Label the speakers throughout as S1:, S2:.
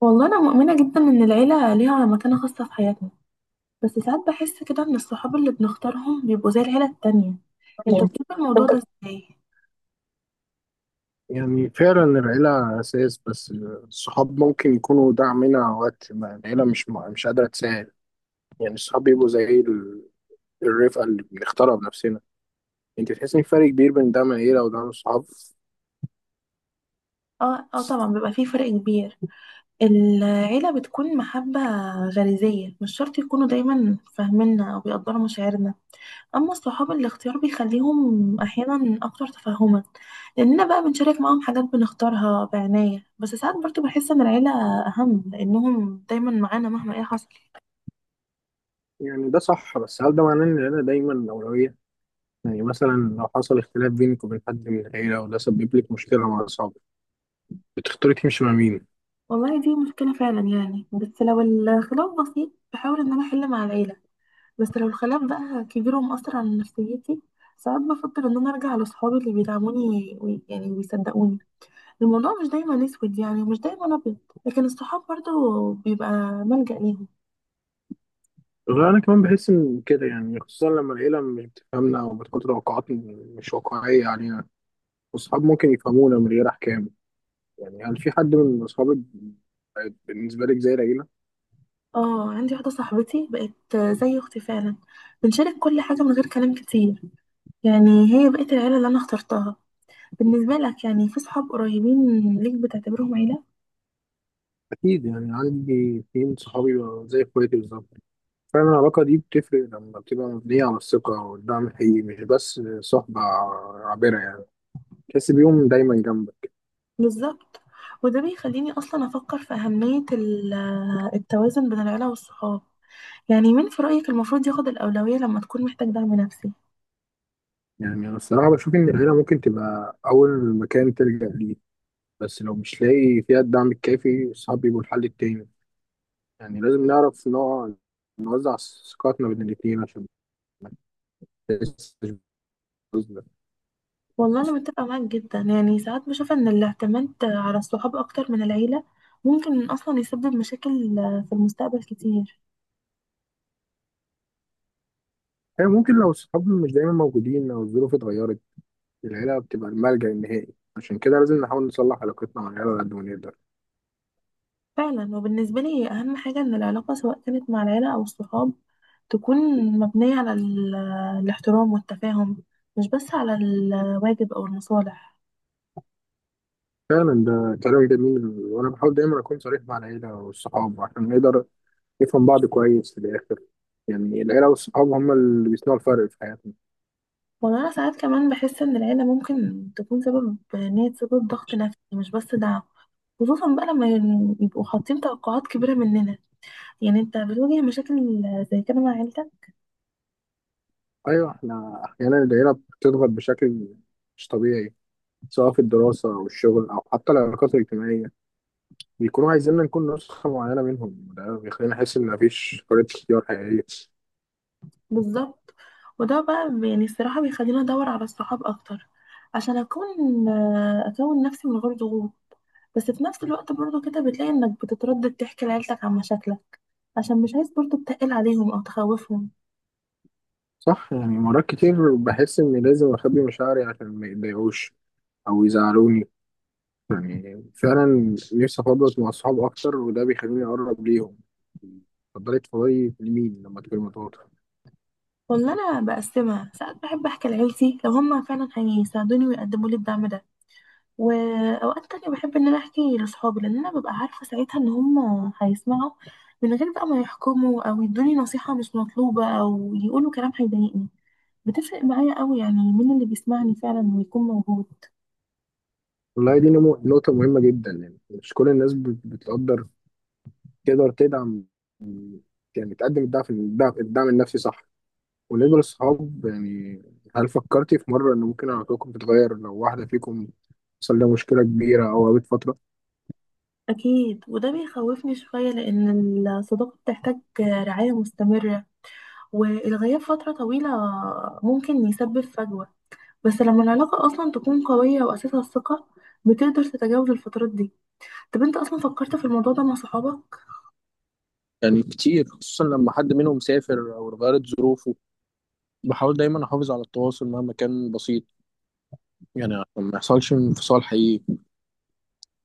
S1: والله أنا مؤمنة جدا إن العيلة ليها مكانة خاصة في حياتنا، بس ساعات بحس كده إن الصحاب اللي بنختارهم بيبقوا زي العيلة التانية. أنت بتشوف الموضوع ده إزاي؟
S2: يعني فعلا العيلة أساس، بس الصحاب ممكن يكونوا دعمنا وقت ما العيلة مش قادرة تساعد. يعني الصحاب بيبقوا زي الرفقة اللي بنختارها بنفسنا. أنت تحس إن في فرق كبير بين دعم العيلة ودعم الصحاب؟
S1: اه اه، طبعا بيبقى فيه فرق كبير. العيلة بتكون محبة غريزية، مش شرط يكونوا دايما فاهميننا أو بيقدروا مشاعرنا. أما الصحاب، الاختيار بيخليهم أحيانا أكتر تفهما، لأننا بقى بنشارك معاهم حاجات بنختارها بعناية. بس ساعات برضه بحس إن العيلة أهم، لأنهم دايما معانا مهما إيه حصل.
S2: يعني ده صح، بس هل ده معناه إن العيلة دايما الأولوية؟ يعني مثلا لو حصل اختلاف بينك وبين حد من العيلة وده سبب لك مشكلة مع أصحابك، بتختاري تمشي مع مين؟
S1: والله دي مشكلة فعلا، يعني بس لو الخلاف بسيط بحاول ان انا احل مع العيلة. بس لو الخلاف بقى كبير ومؤثر على نفسيتي، ساعات بفكر ان انا ارجع لصحابي اللي بيدعموني يعني ويصدقوني. الموضوع مش دايما اسود يعني ومش دايما ابيض، لكن الصحاب برضو بيبقى ملجأ ليهم.
S2: غير أنا كمان بحس إن كده، يعني خصوصا لما العيلة مش بتفهمنا أو بتحط توقعات مش واقعية علينا، واصحاب ممكن يفهمونا من غير احكام. يعني هل في حد من اصحابك بقت بالنسبه لك زي العيله؟
S1: اه، عندي واحدة صاحبتي بقت زي اختي فعلا. بنشارك كل حاجة من غير كلام كتير. يعني هي بقت العيلة اللي انا اخترتها. بالنسبة لك، يعني في صحاب قريبين ليك بتعتبرهم عيلة؟
S2: اكيد، يعني عندي اتنين صحابي بقوا زي اخواتي بالظبط. فعلا العلاقه دي بتفرق لما بتبقى مبنيه على الثقه والدعم الحقيقي، مش بس صحبه عابره. يعني تحس بيهم دايما جنبك.
S1: بالظبط. وده بيخليني أصلا أفكر في أهمية التوازن بين العيلة والصحاب. يعني مين في رأيك المفروض ياخد الأولوية لما تكون محتاج دعم نفسي؟
S2: يعني انا الصراحه بشوف ان العيله ممكن تبقى اول مكان تلجأ ليه، بس لو مش لاقي فيها الدعم الكافي الصحاب بيبقوا الحل التاني. يعني لازم نعرف نوزع ثقتنا بين الاتنين عشان ما نحسش بالظلم.
S1: والله أنا متفقة معاك جدا، يعني ساعات بشوف إن الاعتماد على الصحاب أكتر من العيلة ممكن أصلا يسبب مشاكل في المستقبل كتير.
S2: هي ممكن لو الصحاب مش دايما موجودين او الظروف اتغيرت العيله بتبقى الملجأ النهائي، عشان كده لازم نحاول نصلح علاقتنا مع العيله على قد ما نقدر.
S1: فعلا، وبالنسبة لي أهم حاجة إن العلاقة، سواء كانت مع العيلة أو الصحاب، تكون مبنية على الاحترام والتفاهم، مش بس على الواجب أو المصالح.
S2: فعلا ده كلام جميل، وانا بحاول دايما اكون صريح مع العيله والصحاب عشان نقدر نفهم بعض كويس في الاخر. يعني العيله والصحاب هم اللي بيصنعوا الفرق في حياتنا.
S1: والله أنا ساعات كمان بحس إن العيلة ممكن تكون سبب، إن هي تسبب ضغط نفسي مش بس دعم، خصوصا بقى لما يبقوا حاطين توقعات كبيرة مننا. يعني أنت بتواجه مشاكل زي كده مع عيلتك؟
S2: ايوه، احنا احيانا العيله بتضغط بشكل مش طبيعي سواء في الدراسه او الشغل او حتى العلاقات الاجتماعيه. بيكونوا عايزيننا نكون نسخه معينه منهم، وده بيخلينا نحس ان مفيش حريه اختيار حقيقيه.
S1: بالظبط. وده بقى يعني الصراحة بيخليني أدور على الصحاب أكتر، عشان أكون أكون نفسي من غير ضغوط. بس في نفس الوقت برضو كده بتلاقي إنك بتتردد تحكي لعيلتك عن مشاكلك، عشان مش عايز برضو تتقل عليهم أو تخوفهم.
S2: صح، يعني مرات كتير بحس إني لازم أخبي مشاعري عشان ما يتضايقوش أو يزعلوني. يعني فعلا نفسي أفضفض مع أصحاب أكتر، وده بيخليني أقرب ليهم. تفضلي تفضلي لمين لما تكوني مضغوطة؟
S1: والله انا بقسمها، ساعات بحب احكي لعيلتي لو هم فعلا هيساعدوني ويقدموا لي الدعم ده، واوقات تانية بحب ان انا احكي لاصحابي، لان انا ببقى عارفه ساعتها ان هم هيسمعوا من غير بقى ما يحكموا او يدوني نصيحه مش مطلوبه او يقولوا كلام هيضايقني. بتفرق معايا قوي يعني مين اللي بيسمعني فعلا ويكون موجود.
S2: والله دي نقطة مهمة جدا، يعني مش كل الناس بتقدر تدعم. يعني تقدم الدعم النفسي، صح؟ وبالنسبة للصحاب، يعني هل فكرتي في مرة إن ممكن علاقتكم تتغير لو واحدة فيكم حصل لها مشكلة كبيرة أو قابلت فترة؟
S1: اكيد، وده بيخوفني شويه لان الصداقه بتحتاج رعايه مستمره، والغياب فتره طويله ممكن يسبب فجوه. بس لما العلاقة أصلا تكون قوية وأساسها الثقة، بتقدر تتجاوز الفترات دي. طب أنت أصلا فكرت في الموضوع ده مع صحابك؟
S2: يعني كتير، خصوصا لما حد منهم سافر او اتغيرت ظروفه. بحاول دايما احافظ على التواصل مهما كان بسيط، يعني عشان ما يحصلش انفصال حقيقي.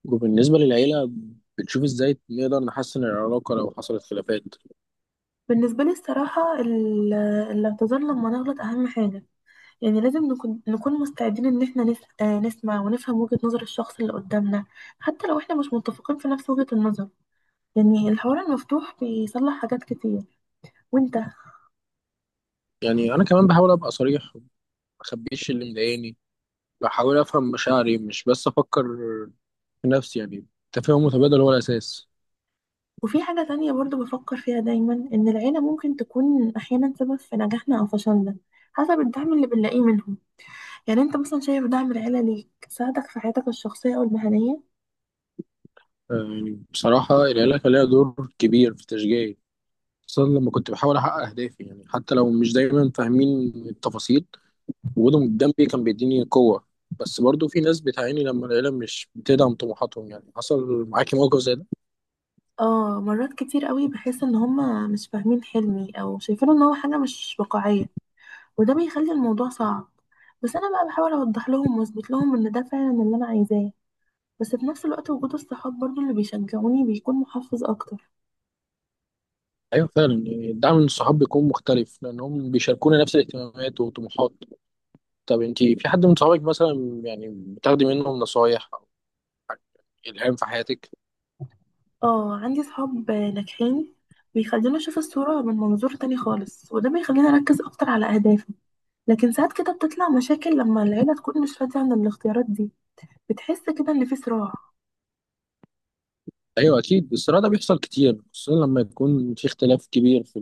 S2: وبالنسبه للعيله، بتشوف ازاي نقدر نحسن العلاقه لو حصلت خلافات؟
S1: بالنسبة لي الصراحة الاعتذار لما نغلط أهم حاجة. يعني لازم نكون مستعدين إن احنا نس... آه، نسمع ونفهم وجهة نظر الشخص اللي قدامنا، حتى لو احنا مش متفقين في نفس وجهة النظر. يعني الحوار المفتوح بيصلح حاجات كتير. وانت؟
S2: يعني انا كمان بحاول ابقى صريح، ما اخبيش اللي مضايقني. بحاول افهم مشاعري مش بس افكر في نفسي. يعني التفاهم المتبادل هو الاساس.
S1: وفي حاجة تانية برضو بفكر فيها دايما، إن العيلة ممكن تكون أحيانا سبب في نجاحنا أو فشلنا، حسب الدعم اللي بنلاقيه منهم. يعني انت مثلا شايف دعم العيلة ليك ساعدك في حياتك الشخصية او المهنية؟
S2: آه، يعني بصراحه العيله كان لها دور كبير في تشجيعي، خصوصا لما كنت بحاول احقق اهدافي. يعني حتى لو مش دايما فاهمين التفاصيل، وجودهم جنبي كان بيديني قوة. بس برضو في ناس بتعاني لما العيلة مش بتدعم طموحاتهم. يعني حصل معاكي موقف زي ده؟
S1: اه، مرات كتير قوي بحس ان هما مش فاهمين حلمي او شايفينه ان هو حاجة مش واقعية، وده بيخلي الموضوع صعب. بس انا بقى بحاول اوضح لهم واثبت لهم ان ده فعلا اللي انا عايزاه. بس في نفس الوقت وجود الصحاب برضو اللي بيشجعوني بيكون محفز اكتر.
S2: أيوة فعلا، يعني الدعم من الصحاب بيكون مختلف لأنهم بيشاركونا نفس الاهتمامات وطموحات. طب أنتي في حد من صحابك مثلا، يعني بتاخدي منهم نصايح أو إلهام في حياتك؟
S1: اه، عندي صحاب ناجحين بيخليني اشوف الصورة من منظور تاني خالص، وده بيخليني اركز اكتر على اهدافي. لكن ساعات كده بتطلع مشاكل لما العيلة تكون مش راضية عن الاختيارات دي. بتحس كده ان في صراع؟
S2: أيوة أكيد، الصراع ده بيحصل كتير خصوصا لما يكون في اختلاف كبير في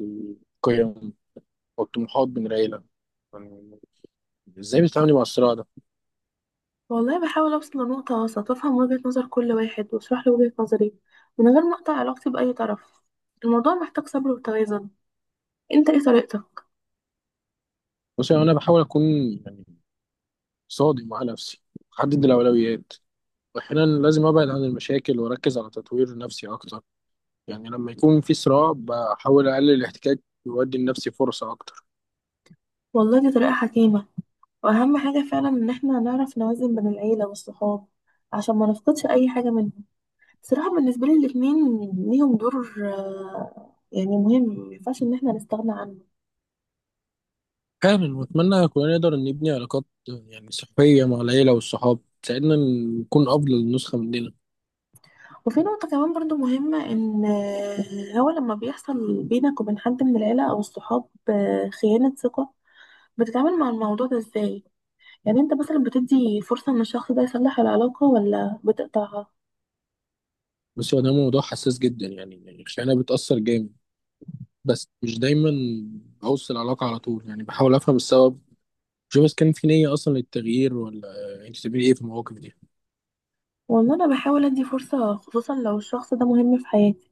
S2: القيم والطموحات بين العيلة. يعني إزاي بتتعاملي مع الصراع ده؟
S1: والله بحاول اوصل لنقطة وسط وافهم وجهة نظر كل واحد واشرح له وجهة نظري، من غير ما اقطع علاقتي بأي طرف. الموضوع محتاج صبر وتوازن. انت ايه طريقتك؟
S2: بصي أنا بحاول أكون، يعني صادق مع نفسي، أحدد الأولويات. واحيانا لازم ابعد عن المشاكل واركز على تطوير نفسي اكتر. يعني لما يكون في صراع بحاول اقلل الاحتكاك وادي لنفسي فرصة اكتر.
S1: والله دي طريقة حكيمة. واهم حاجة فعلا ان احنا نعرف نوازن بين العيلة والصحاب، عشان ما نفقدش اي حاجة منهم. صراحة بالنسبة لي الاتنين ليهم دور يعني مهم، مينفعش ان احنا نستغنى عنه.
S2: فعلا، واتمنى كلنا نقدر نبني علاقات يعني صحية مع العيلة والصحاب تساعدنا نكون افضل نسخة مننا.
S1: وفي نقطة كمان برضو مهمة، إن هو لما بيحصل بينك وبين حد من العيلة أو الصحاب خيانة ثقة، بتتعامل مع الموضوع ده إزاي؟ يعني أنت مثلا بتدي فرصة إن الشخص ده يصلح العلاقة ولا بتقطعها؟
S2: بس هو ده موضوع حساس جدا، يعني الخيانة بتأثر جامد. بس مش دايما بوصل العلاقة على طول، يعني بحاول افهم السبب، شوف إذا كان في نية أصلا للتغيير ولا. أنت بتعملي إيه في المواقف دي؟
S1: وإن أنا بحاول أدي فرصة، خصوصا لو الشخص ده مهم في حياتي.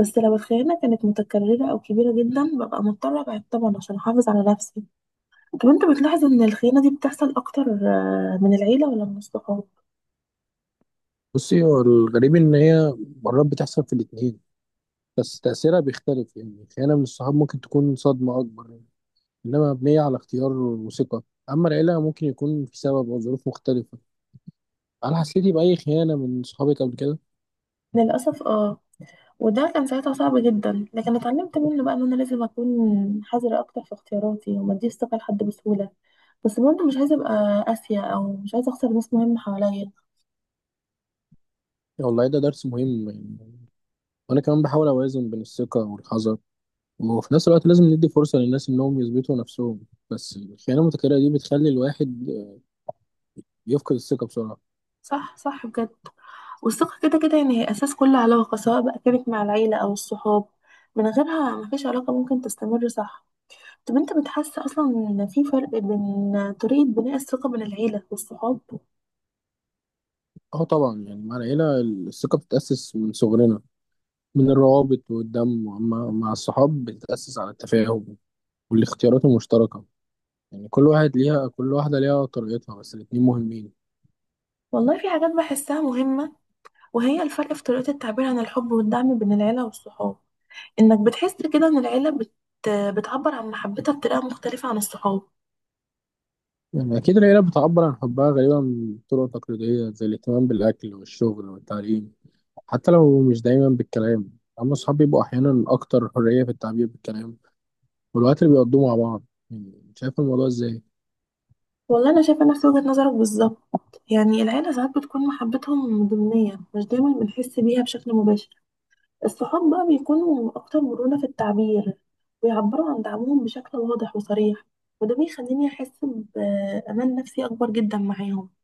S1: بس لو الخيانة كانت متكررة أو كبيرة جدا، ببقى مضطرة أبعد طبعا عشان أحافظ على نفسي. طب أنت بتلاحظ إن الخيانة دي بتحصل أكتر من العيلة ولا من الصحاب؟
S2: بصي، هو الغريب إن هي مرات بتحصل في الاتنين، بس تأثيرها بيختلف. يعني خيانة من الصحاب ممكن تكون صدمة أكبر، يعني إنما مبنية على اختيار وثقة. أما العيلة ممكن يكون في سبب أو ظروف مختلفة. هل حسيتي بأي خيانة من صحابك قبل كده؟
S1: للأسف اه. وده كان ساعتها صعب جدا، لكن اتعلمت منه بقى ان انا لازم اكون حذرة اكتر في اختياراتي وما اديش ثقة لحد بسهولة. بس برضه مش عايزة ابقى قاسية او مش عايزة اخسر ناس مهمة حواليا.
S2: يا والله ده درس مهم، يعني وأنا كمان بحاول أوازن بين الثقة والحذر. وفي نفس الوقت لازم ندي فرصة للناس إنهم يثبتوا نفسهم. بس الخيانة المتكررة دي بتخلي الواحد يفقد الثقة بسرعة.
S1: صح صح، بجد. والثقة كده كده يعني هي اساس كل علاقة، سواء بقى كانت مع العيلة او الصحاب، من غيرها مفيش علاقة ممكن تستمر. صح؟ طب انت بتحس اصلا ان في فرق بين طريقة بناء الثقة بين العيلة والصحاب؟
S2: أه طبعا، يعني مع العيلة الثقة بتتأسس من صغرنا من الروابط والدم. وأما مع الصحاب بتتأسس على التفاهم والاختيارات المشتركة. يعني كل واحدة ليها طريقتها، بس الاتنين مهمين.
S1: والله في حاجات بحسها مهمة، وهي الفرق في طريقة التعبير عن الحب والدعم بين العيلة والصحاب. انك بتحس كده ان العيله بتعبر عن محبتها بطريقه مختلفه عن الصحاب؟
S2: يعني أكيد العيلة بتعبر عن حبها غالبا بطرق تقليدية زي الاهتمام بالأكل والشغل والتعليم، حتى لو مش دايما بالكلام. أما الصحاب بيبقوا أحيانا أكتر حرية في التعبير بالكلام والوقت اللي بيقضوه مع بعض. يعني شايف الموضوع إزاي؟
S1: والله انا شايفه نفس وجهه نظرك بالظبط. يعني العيله ساعات بتكون محبتهم ضمنيه، مش دايما بنحس بيها بشكل مباشر. الصحاب بقى بيكونوا اكتر مرونه في التعبير، ويعبروا عن دعمهم بشكل واضح وصريح، وده بيخليني احس بامان نفسي اكبر جدا معاهم.